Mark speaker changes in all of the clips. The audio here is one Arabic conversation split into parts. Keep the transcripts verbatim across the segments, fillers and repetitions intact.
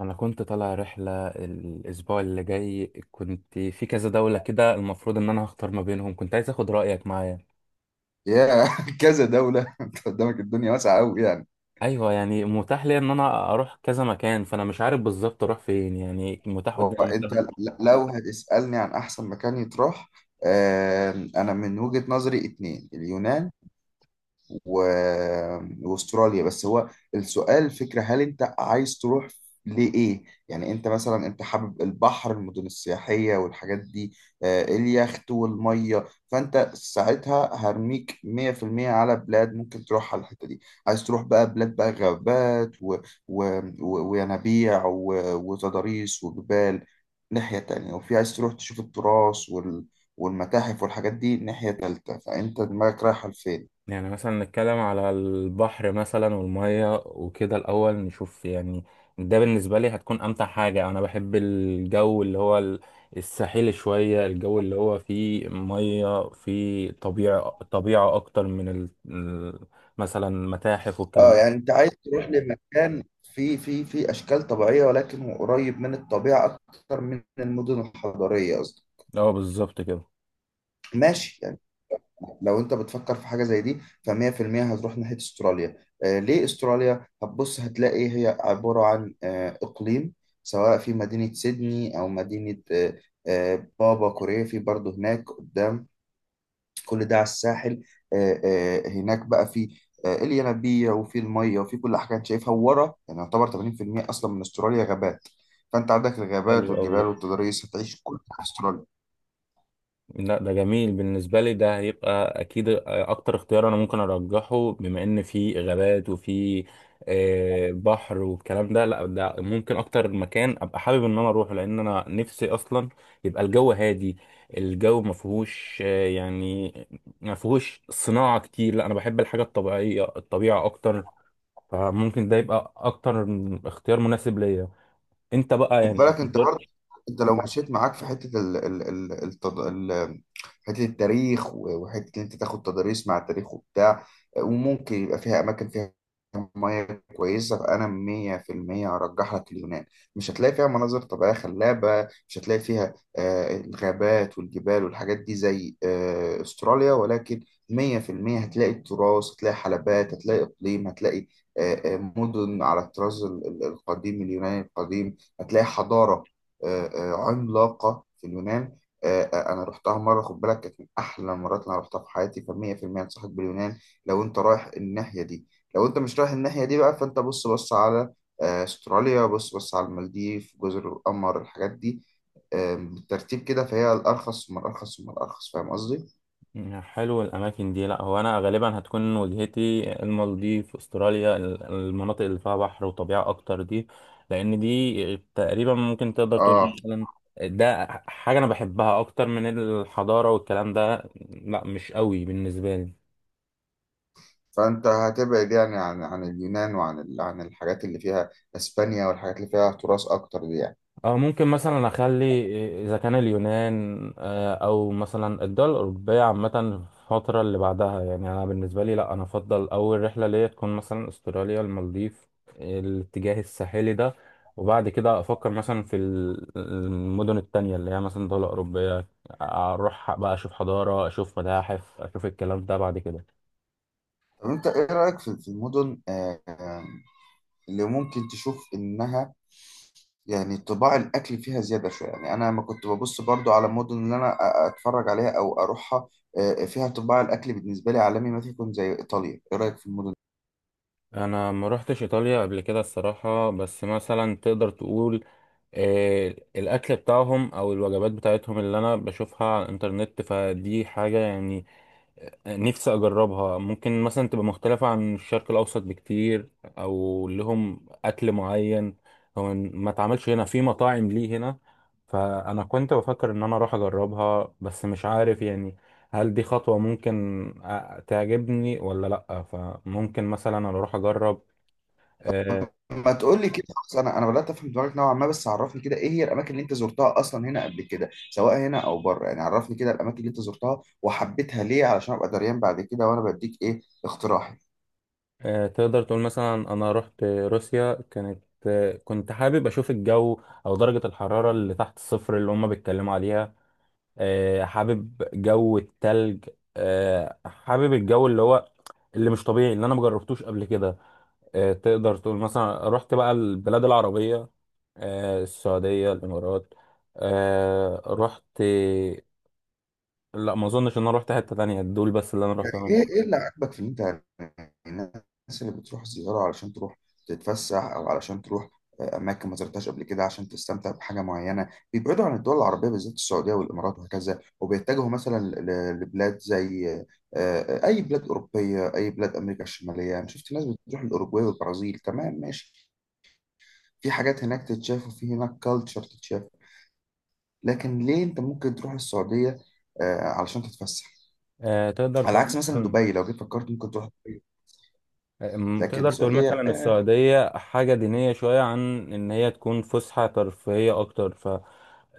Speaker 1: انا كنت طالع رحله الاسبوع اللي جاي. كنت في كذا دوله كده، المفروض ان انا هختار ما بينهم. كنت عايز اخد رايك معايا.
Speaker 2: يا كذا دولة انت قدامك الدنيا واسعة قوي يعني.
Speaker 1: ايوه، يعني متاح لي ان انا اروح كذا مكان، فانا مش عارف بالظبط اروح فين، يعني متاح
Speaker 2: هو
Speaker 1: قدامي.
Speaker 2: انت ل- لو هتسألني عن احسن مكان يتروح، آم، انا من وجهة نظري اتنين: اليونان و... واستراليا. بس هو السؤال فكرة: هل انت عايز تروح لإيه؟ يعني انت مثلا انت حابب البحر، المدن السياحية والحاجات دي، آه، اليخت والمية، فانت ساعتها هرميك مية في المية على بلاد ممكن تروح على الحتة دي. عايز تروح بقى بلاد بقى غابات و... و... و... وينابيع و... وتضاريس وجبال ناحية تانية، وفي عايز تروح تشوف التراث وال... والمتاحف والحاجات دي ناحية تالتة، فأنت دماغك رايحة لفين؟
Speaker 1: يعني مثلا نتكلم على البحر مثلا والمية وكده، الأول نشوف يعني ده بالنسبة لي هتكون أمتع حاجة. أنا بحب الجو اللي هو ال- الساحلي شوية، الجو اللي هو فيه مية، فيه طبيعة طبيعة أكتر من ال... ال- مثلا متاحف
Speaker 2: اه،
Speaker 1: والكلام.
Speaker 2: يعني انت عايز تروح لمكان فيه فيه فيه اشكال طبيعيه، ولكن هو قريب من الطبيعه اكتر من المدن الحضريه، قصدي.
Speaker 1: ده اه بالظبط كده.
Speaker 2: ماشي، يعني لو انت بتفكر في حاجه زي دي، ف100% هتروح ناحيه استراليا. آه، ليه استراليا؟ هتبص هتلاقي هي عباره عن آه اقليم، سواء في مدينه سيدني او مدينه آه آه بابا كوريا، في برضه هناك قدام، كل ده على الساحل. آه، آه، هناك بقى في آه، الينابيع، وفي الميه، وفي كل حاجه انت شايفها ورا. يعني يعتبر تمانين في المية اصلا من استراليا غابات، فانت عندك الغابات
Speaker 1: حلو أوي
Speaker 2: والجبال
Speaker 1: ده.
Speaker 2: والتضاريس، هتعيش كل حاجة في استراليا.
Speaker 1: لا، ده جميل بالنسبة لي، ده هيبقى أكيد أكتر اختيار أنا ممكن أرجحه، بما إن في غابات وفي آه، بحر والكلام ده. لا، ده ممكن أكتر مكان أبقى حابب إن أنا أروحه، لأن أنا نفسي أصلا يبقى الجو هادي، الجو ما فيهوش آه، يعني ما فيهوش صناعة كتير. لا، أنا بحب الحاجة الطبيعية، الطبيعة أكتر، فممكن ده يبقى أكتر اختيار مناسب ليا. أنت بقى
Speaker 2: خد
Speaker 1: يعني؟
Speaker 2: بالك انت برضه، انت لو مشيت معاك في حته ال ال ال التد... ال حته التاريخ، و- وحته ان انت تاخد تداريس مع التاريخ وبتاع، وممكن يبقى فيها اماكن فيها ميه كويسه، فانا مية في المية هرجح لك اليونان. مش هتلاقي فيها مناظر طبيعيه خلابه، مش هتلاقي فيها آه، الغابات والجبال والحاجات دي زي آه، استراليا، ولكن مية في المية هتلاقي التراث، هتلاقي حلبات، هتلاقي اقليم، هتلاقي آه، آه، مدن على الطراز ال- ال- القديم، اليوناني القديم. هتلاقي حضارة آه، آه، عملاقة في اليونان. آه، آه، أنا رحتها مرة، خد بالك، كانت من أحلى المرات اللي أنا رحتها في حياتي، فمية في المية أنصحك باليونان لو أنت رايح الناحية دي. لو أنت مش رايح الناحية دي بقى، فأنت بص بص على آه، أستراليا، بص بص على المالديف، جزر القمر، الحاجات دي آه، بالترتيب كده، فهي الأرخص ثم الأرخص ثم الأرخص، فاهم قصدي؟
Speaker 1: حلو الأماكن دي. لأ، هو أنا غالبا هتكون وجهتي المالديف، أستراليا، ال- المناطق اللي فيها بحر وطبيعة أكتر دي، لأن دي تقريبا ممكن تقدر تقول
Speaker 2: آه
Speaker 1: مثلا ده حاجة أنا بحبها أكتر من الحضارة والكلام ده. لأ، مش قوي بالنسبة لي.
Speaker 2: فأنت هتبعد يعني عن عن اليونان، وعن ال- عن الحاجات اللي فيها إسبانيا والحاجات اللي فيها تراث أكتر دي، يعني.
Speaker 1: أو ممكن مثلا أخلي، إذا كان اليونان آه، أو مثلا الدول الأوروبية عامة، في الفترة اللي بعدها. يعني أنا بالنسبة لي لأ، أنا أفضل أول رحلة ليا تكون مثلا أستراليا، المالديف، الاتجاه الساحلي ده، وبعد كده أفكر مثلا في ال- المدن التانية اللي هي مثلا دولة أوروبية، أروح بقى أشوف حضارة، أشوف متاحف، أشوف الكلام ده بعد كده.
Speaker 2: طب انت ايه رأيك في في المدن آه، آه، اللي ممكن تشوف انها يعني طباع الاكل فيها زيادة شوية؟ يعني انا لما كنت ببص برضو على المدن اللي انا أ- أ- اتفرج عليها او اروحها، آه، فيها طباع الاكل بالنسبة لي عالمي، ما تكون زي ايطاليا. ايه رأيك في المدن دي؟
Speaker 1: انا ما روحتش ايطاليا قبل كده الصراحه، بس مثلا تقدر تقول آه، الاكل بتاعهم او الوجبات بتاعتهم اللي انا بشوفها على الانترنت، فدي حاجه يعني نفسي اجربها. ممكن مثلا تبقى مختلفة عن الشرق الاوسط بكتير، او لهم اكل معين هو ما اتعملش هنا في مطاعم ليه هنا. فانا كنت بفكر ان انا اروح اجربها، بس مش عارف يعني هل دي خطوة ممكن أ- تعجبني ولا لا. فممكن مثلا انا اروح اجرب. آه،
Speaker 2: ما تقول لي كده خلاص، انا انا بدأت افهم دماغك نوعا ما. بس عرفني كده، ايه هي الاماكن اللي انت زرتها اصلا هنا قبل كده، سواء هنا او بره؟ يعني عرفني كده الاماكن اللي انت زرتها وحبيتها ليه، علشان ابقى دريان بعد كده وانا بديك ايه اقتراحي.
Speaker 1: آه، تقدر تقول مثلا انا رحت روسيا. كانت آه، كنت حابب اشوف الجو او درجة الحرارة اللي تحت الصفر اللي هم بيتكلموا عليها. آه، حابب جو التلج، آه، حابب الجو اللي هو اللي مش طبيعي اللي انا مجربتوش قبل كده. آه، تقدر تقول مثلا رحت بقى البلاد العربية، آه، السعودية، الامارات. آه، رحت، لا ما اظنش ان انا رحت حتة تانية دول، بس اللي انا
Speaker 2: يعني
Speaker 1: رحتهم.
Speaker 2: ايه ايه اللي عاجبك في ان انت، يعني الناس اللي بتروح زيارة علشان تروح تتفسح، او علشان تروح آه، اماكن ما زرتهاش قبل كده عشان تستمتع بحاجه معينه، بيبعدوا عن الدول العربيه بالذات، السعوديه والامارات وهكذا، وبيتجهوا مثلا ل- لبلاد زي آه، آه، اي بلاد اوروبيه، اي بلاد امريكا الشماليه. انا شفت ناس بتروح الاوروجواي والبرازيل، تمام، ماشي، في حاجات هناك تتشاف، وفي هناك كالتشر تتشاف. لكن ليه انت ممكن تروح السعوديه آه، علشان تتفسح،
Speaker 1: آه، تقدر
Speaker 2: على
Speaker 1: تقول
Speaker 2: عكس مثلا
Speaker 1: مثلا
Speaker 2: دبي لو جيت فكرت ممكن تروح؟
Speaker 1: أم،
Speaker 2: لكن
Speaker 1: تقدر تقول
Speaker 2: السعودية،
Speaker 1: مثلا
Speaker 2: اه
Speaker 1: السعودية حاجة دينية شوية، عن إن هي تكون فسحة ترفيهية أكتر. ف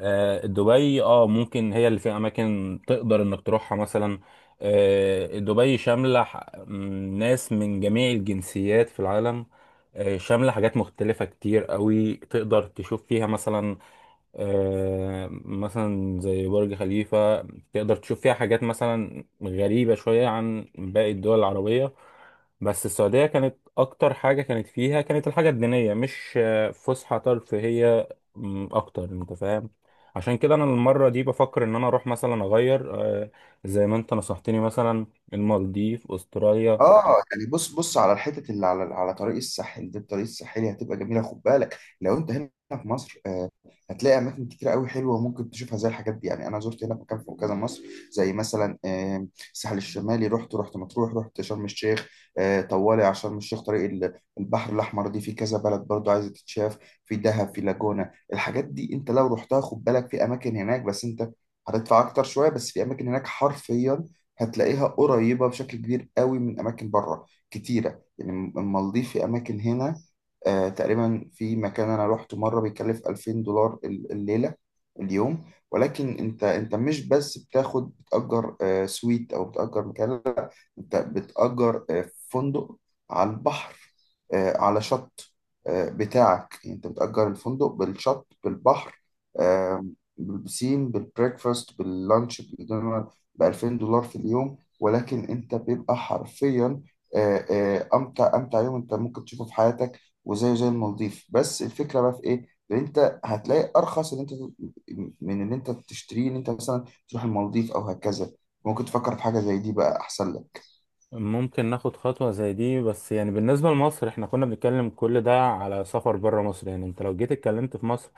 Speaker 1: آه، دبي اه ممكن هي اللي فيها أماكن تقدر إنك تروحها مثلا. آه، دبي شاملة ح- م، ناس من جميع الجنسيات في العالم. آه، شاملة حاجات مختلفة كتير قوي تقدر تشوف فيها مثلا آه، مثلا زي برج خليفة. تقدر تشوف فيها حاجات مثلا غريبة شوية عن باقي الدول العربية. بس السعودية كانت أكتر حاجة كانت فيها، كانت الحاجة الدينية، مش آه، فسحة ترفيهية م، أكتر، أنت فاهم. عشان كده أنا المرة دي بفكر إن أنا أروح مثلا أغير، آه، زي ما أنت نصحتني مثلا، المالديف، أستراليا.
Speaker 2: آه، يعني بص بص على الحتت اللي على على طريق الساحل ده. الطريق الساحلي هتبقى جميلة. خد بالك، لو انت هنا في مصر، آه هتلاقي اماكن كتير قوي حلوه ممكن تشوفها زي الحاجات دي. يعني انا زرت هنا مكان في كذا مصر، زي مثلا آه، الساحل الشمالي، رحت رحت مطروح، رحت شرم الشيخ، آه، طوالي على شرم الشيخ. طريق ال- البحر الاحمر دي، في كذا بلد برضو عايزه تتشاف، في دهب، في لاجونا، الحاجات دي. انت لو رحتها خد بالك، في اماكن هناك بس انت هتدفع اكتر شويه، بس في اماكن هناك حرفيا هتلاقيها قريبة بشكل كبير قوي من أماكن بره كتيرة، يعني. المالديف في أماكن هنا، آه تقريبا، في مكان أنا روحته مرة بيكلف الفين دولار ال- الليلة، اليوم. ولكن أنت أنت مش بس بتاخد بتأجر آه سويت، أو بتأجر مكان، انت بتأجر آه، فندق على البحر، آه، على شط آه، بتاعك، يعني انت بتأجر الفندق بالشط بالبحر، آه، بالبسين، بالبريكفاست، باللانش، بالدينر، ب الفين دولار في اليوم. ولكن انت بيبقى حرفيا آه، آه، امتع امتع يوم انت ممكن تشوفه في حياتك، وزي زي المالديف. بس الفكره بقى في ايه؟ ان انت هتلاقي ارخص ان انت من ان انت تشتريه، ان انت مثلا تروح المالديف او هكذا، ممكن تفكر في حاجه زي دي بقى، احسن لك.
Speaker 1: ممكن ناخد خطوة زي دي. بس يعني بالنسبة لمصر، احنا كنا بنتكلم كل ده على سفر بره مصر. يعني انت لو جيت اتكلمت في مصر،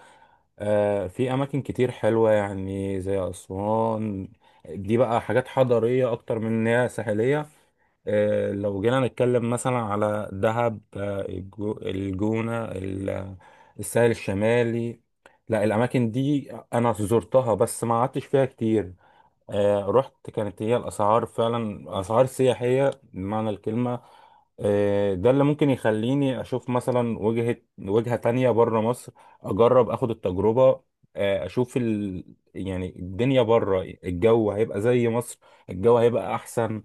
Speaker 1: آه، في اماكن كتير حلوه يعني زي اسوان. دي بقى حاجات حضاريه اكتر من ان هي ساحليه. آه، لو جينا نتكلم مثلا على دهب، آه، الجو- الجونة، ال- الساحل الشمالي. لا، الأماكن دي أنا زرتها بس ما قعدتش فيها كتير. آه، رحت، كانت هي الأسعار فعلا أسعار سياحية بمعنى الكلمة. آه، ده اللي ممكن يخليني اشوف مثلا وجهة وجهة تانية بره مصر، اجرب اخد التجربة. آه، اشوف ال... يعني الدنيا بره، الجو هيبقى زي مصر، الجو هيبقى احسن.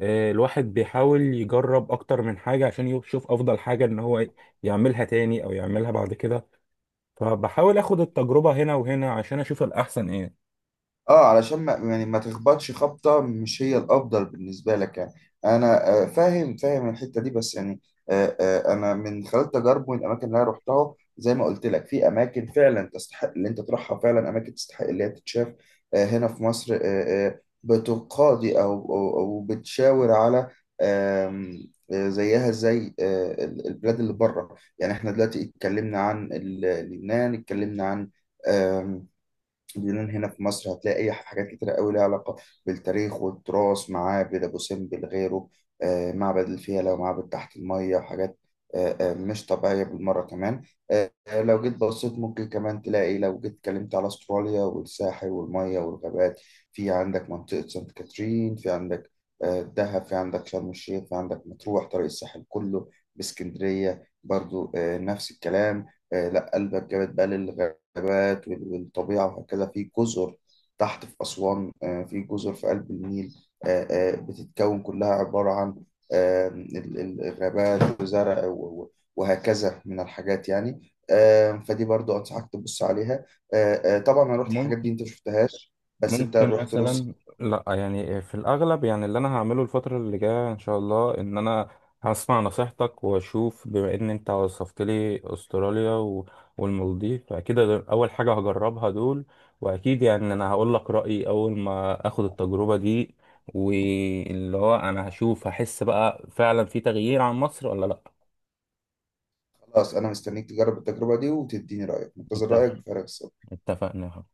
Speaker 1: آه، الواحد بيحاول يجرب اكتر من حاجة عشان يشوف افضل حاجة ان هو يعملها تاني او يعملها بعد كده. فبحاول اخد التجربة هنا وهنا عشان اشوف الاحسن ايه.
Speaker 2: اه علشان ما يعني ما تخبطش خبطة مش هي الأفضل بالنسبة لك، يعني أنا آه، فاهم فاهم الحتة دي، بس يعني آه، آه، أنا من خلال تجارب من الأماكن اللي أنا رحتها، زي ما قلت لك، في أماكن فعلا تستحق اللي أنت تروحها، فعلا أماكن تستحق اللي هي تتشاف. آه، هنا في مصر آه، آه، بتقاضي أو أو أو بتشاور على آم، آه، زيها زي آه، ال- البلاد اللي بره، يعني احنا دلوقتي اتكلمنا عن ال- لبنان، اتكلمنا عن ديلان. هنا في مصر هتلاقي أي حاجات كتيرة قوي ليها علاقة بالتاريخ والتراث: معابد أبو سمبل غيره، آه، معبد الفيلة، ومعبد تحت المية، وحاجات آه، آه، مش طبيعية بالمرة كمان. آه، آه، لو جيت بصيت ممكن كمان تلاقي، لو جيت اتكلمت على أستراليا والساحل والمية والغابات، في عندك منطقة سانت كاترين، في عندك آه، دهب، في عندك شرم الشيخ، في عندك مطروح، طريق الساحل كله، باسكندرية برضو آه، نفس الكلام. آه، لا قلبك جابت بقى للغابات، الغابات وال- والطبيعة وهكذا، في جزر تحت في أسوان آه، في جزر في قلب النيل آه، آه، بتتكون كلها عبارة عن آه، ال- ال- الغابات، وزرع و- و- وهكذا من الحاجات، يعني آه، فدي برضو أنصحك تبص عليها. آه، آه، طبعا أنا رحت الحاجات دي
Speaker 1: ممكن
Speaker 2: أنت شفتهاش، بس أنت
Speaker 1: ممكن
Speaker 2: رحت
Speaker 1: مثلا،
Speaker 2: روسيا.
Speaker 1: لا يعني في الاغلب يعني اللي انا هعمله الفتره اللي جايه ان شاء الله ان انا هسمع نصيحتك، واشوف بما ان انت وصفت لي استراليا و- والمالديف، فاكيد ده اول حاجه هجربها دول. واكيد يعني انا هقول لك رايي اول ما اخد التجربه دي، واللي هو انا هشوف هحس بقى فعلا في تغيير عن مصر ولا لا.
Speaker 2: خلاص، أنا مستنيك تجرب التجربة دي وتديني رأيك، منتظر
Speaker 1: اتفق.
Speaker 2: رأيك بفارغ الصبر.
Speaker 1: اتفقنا.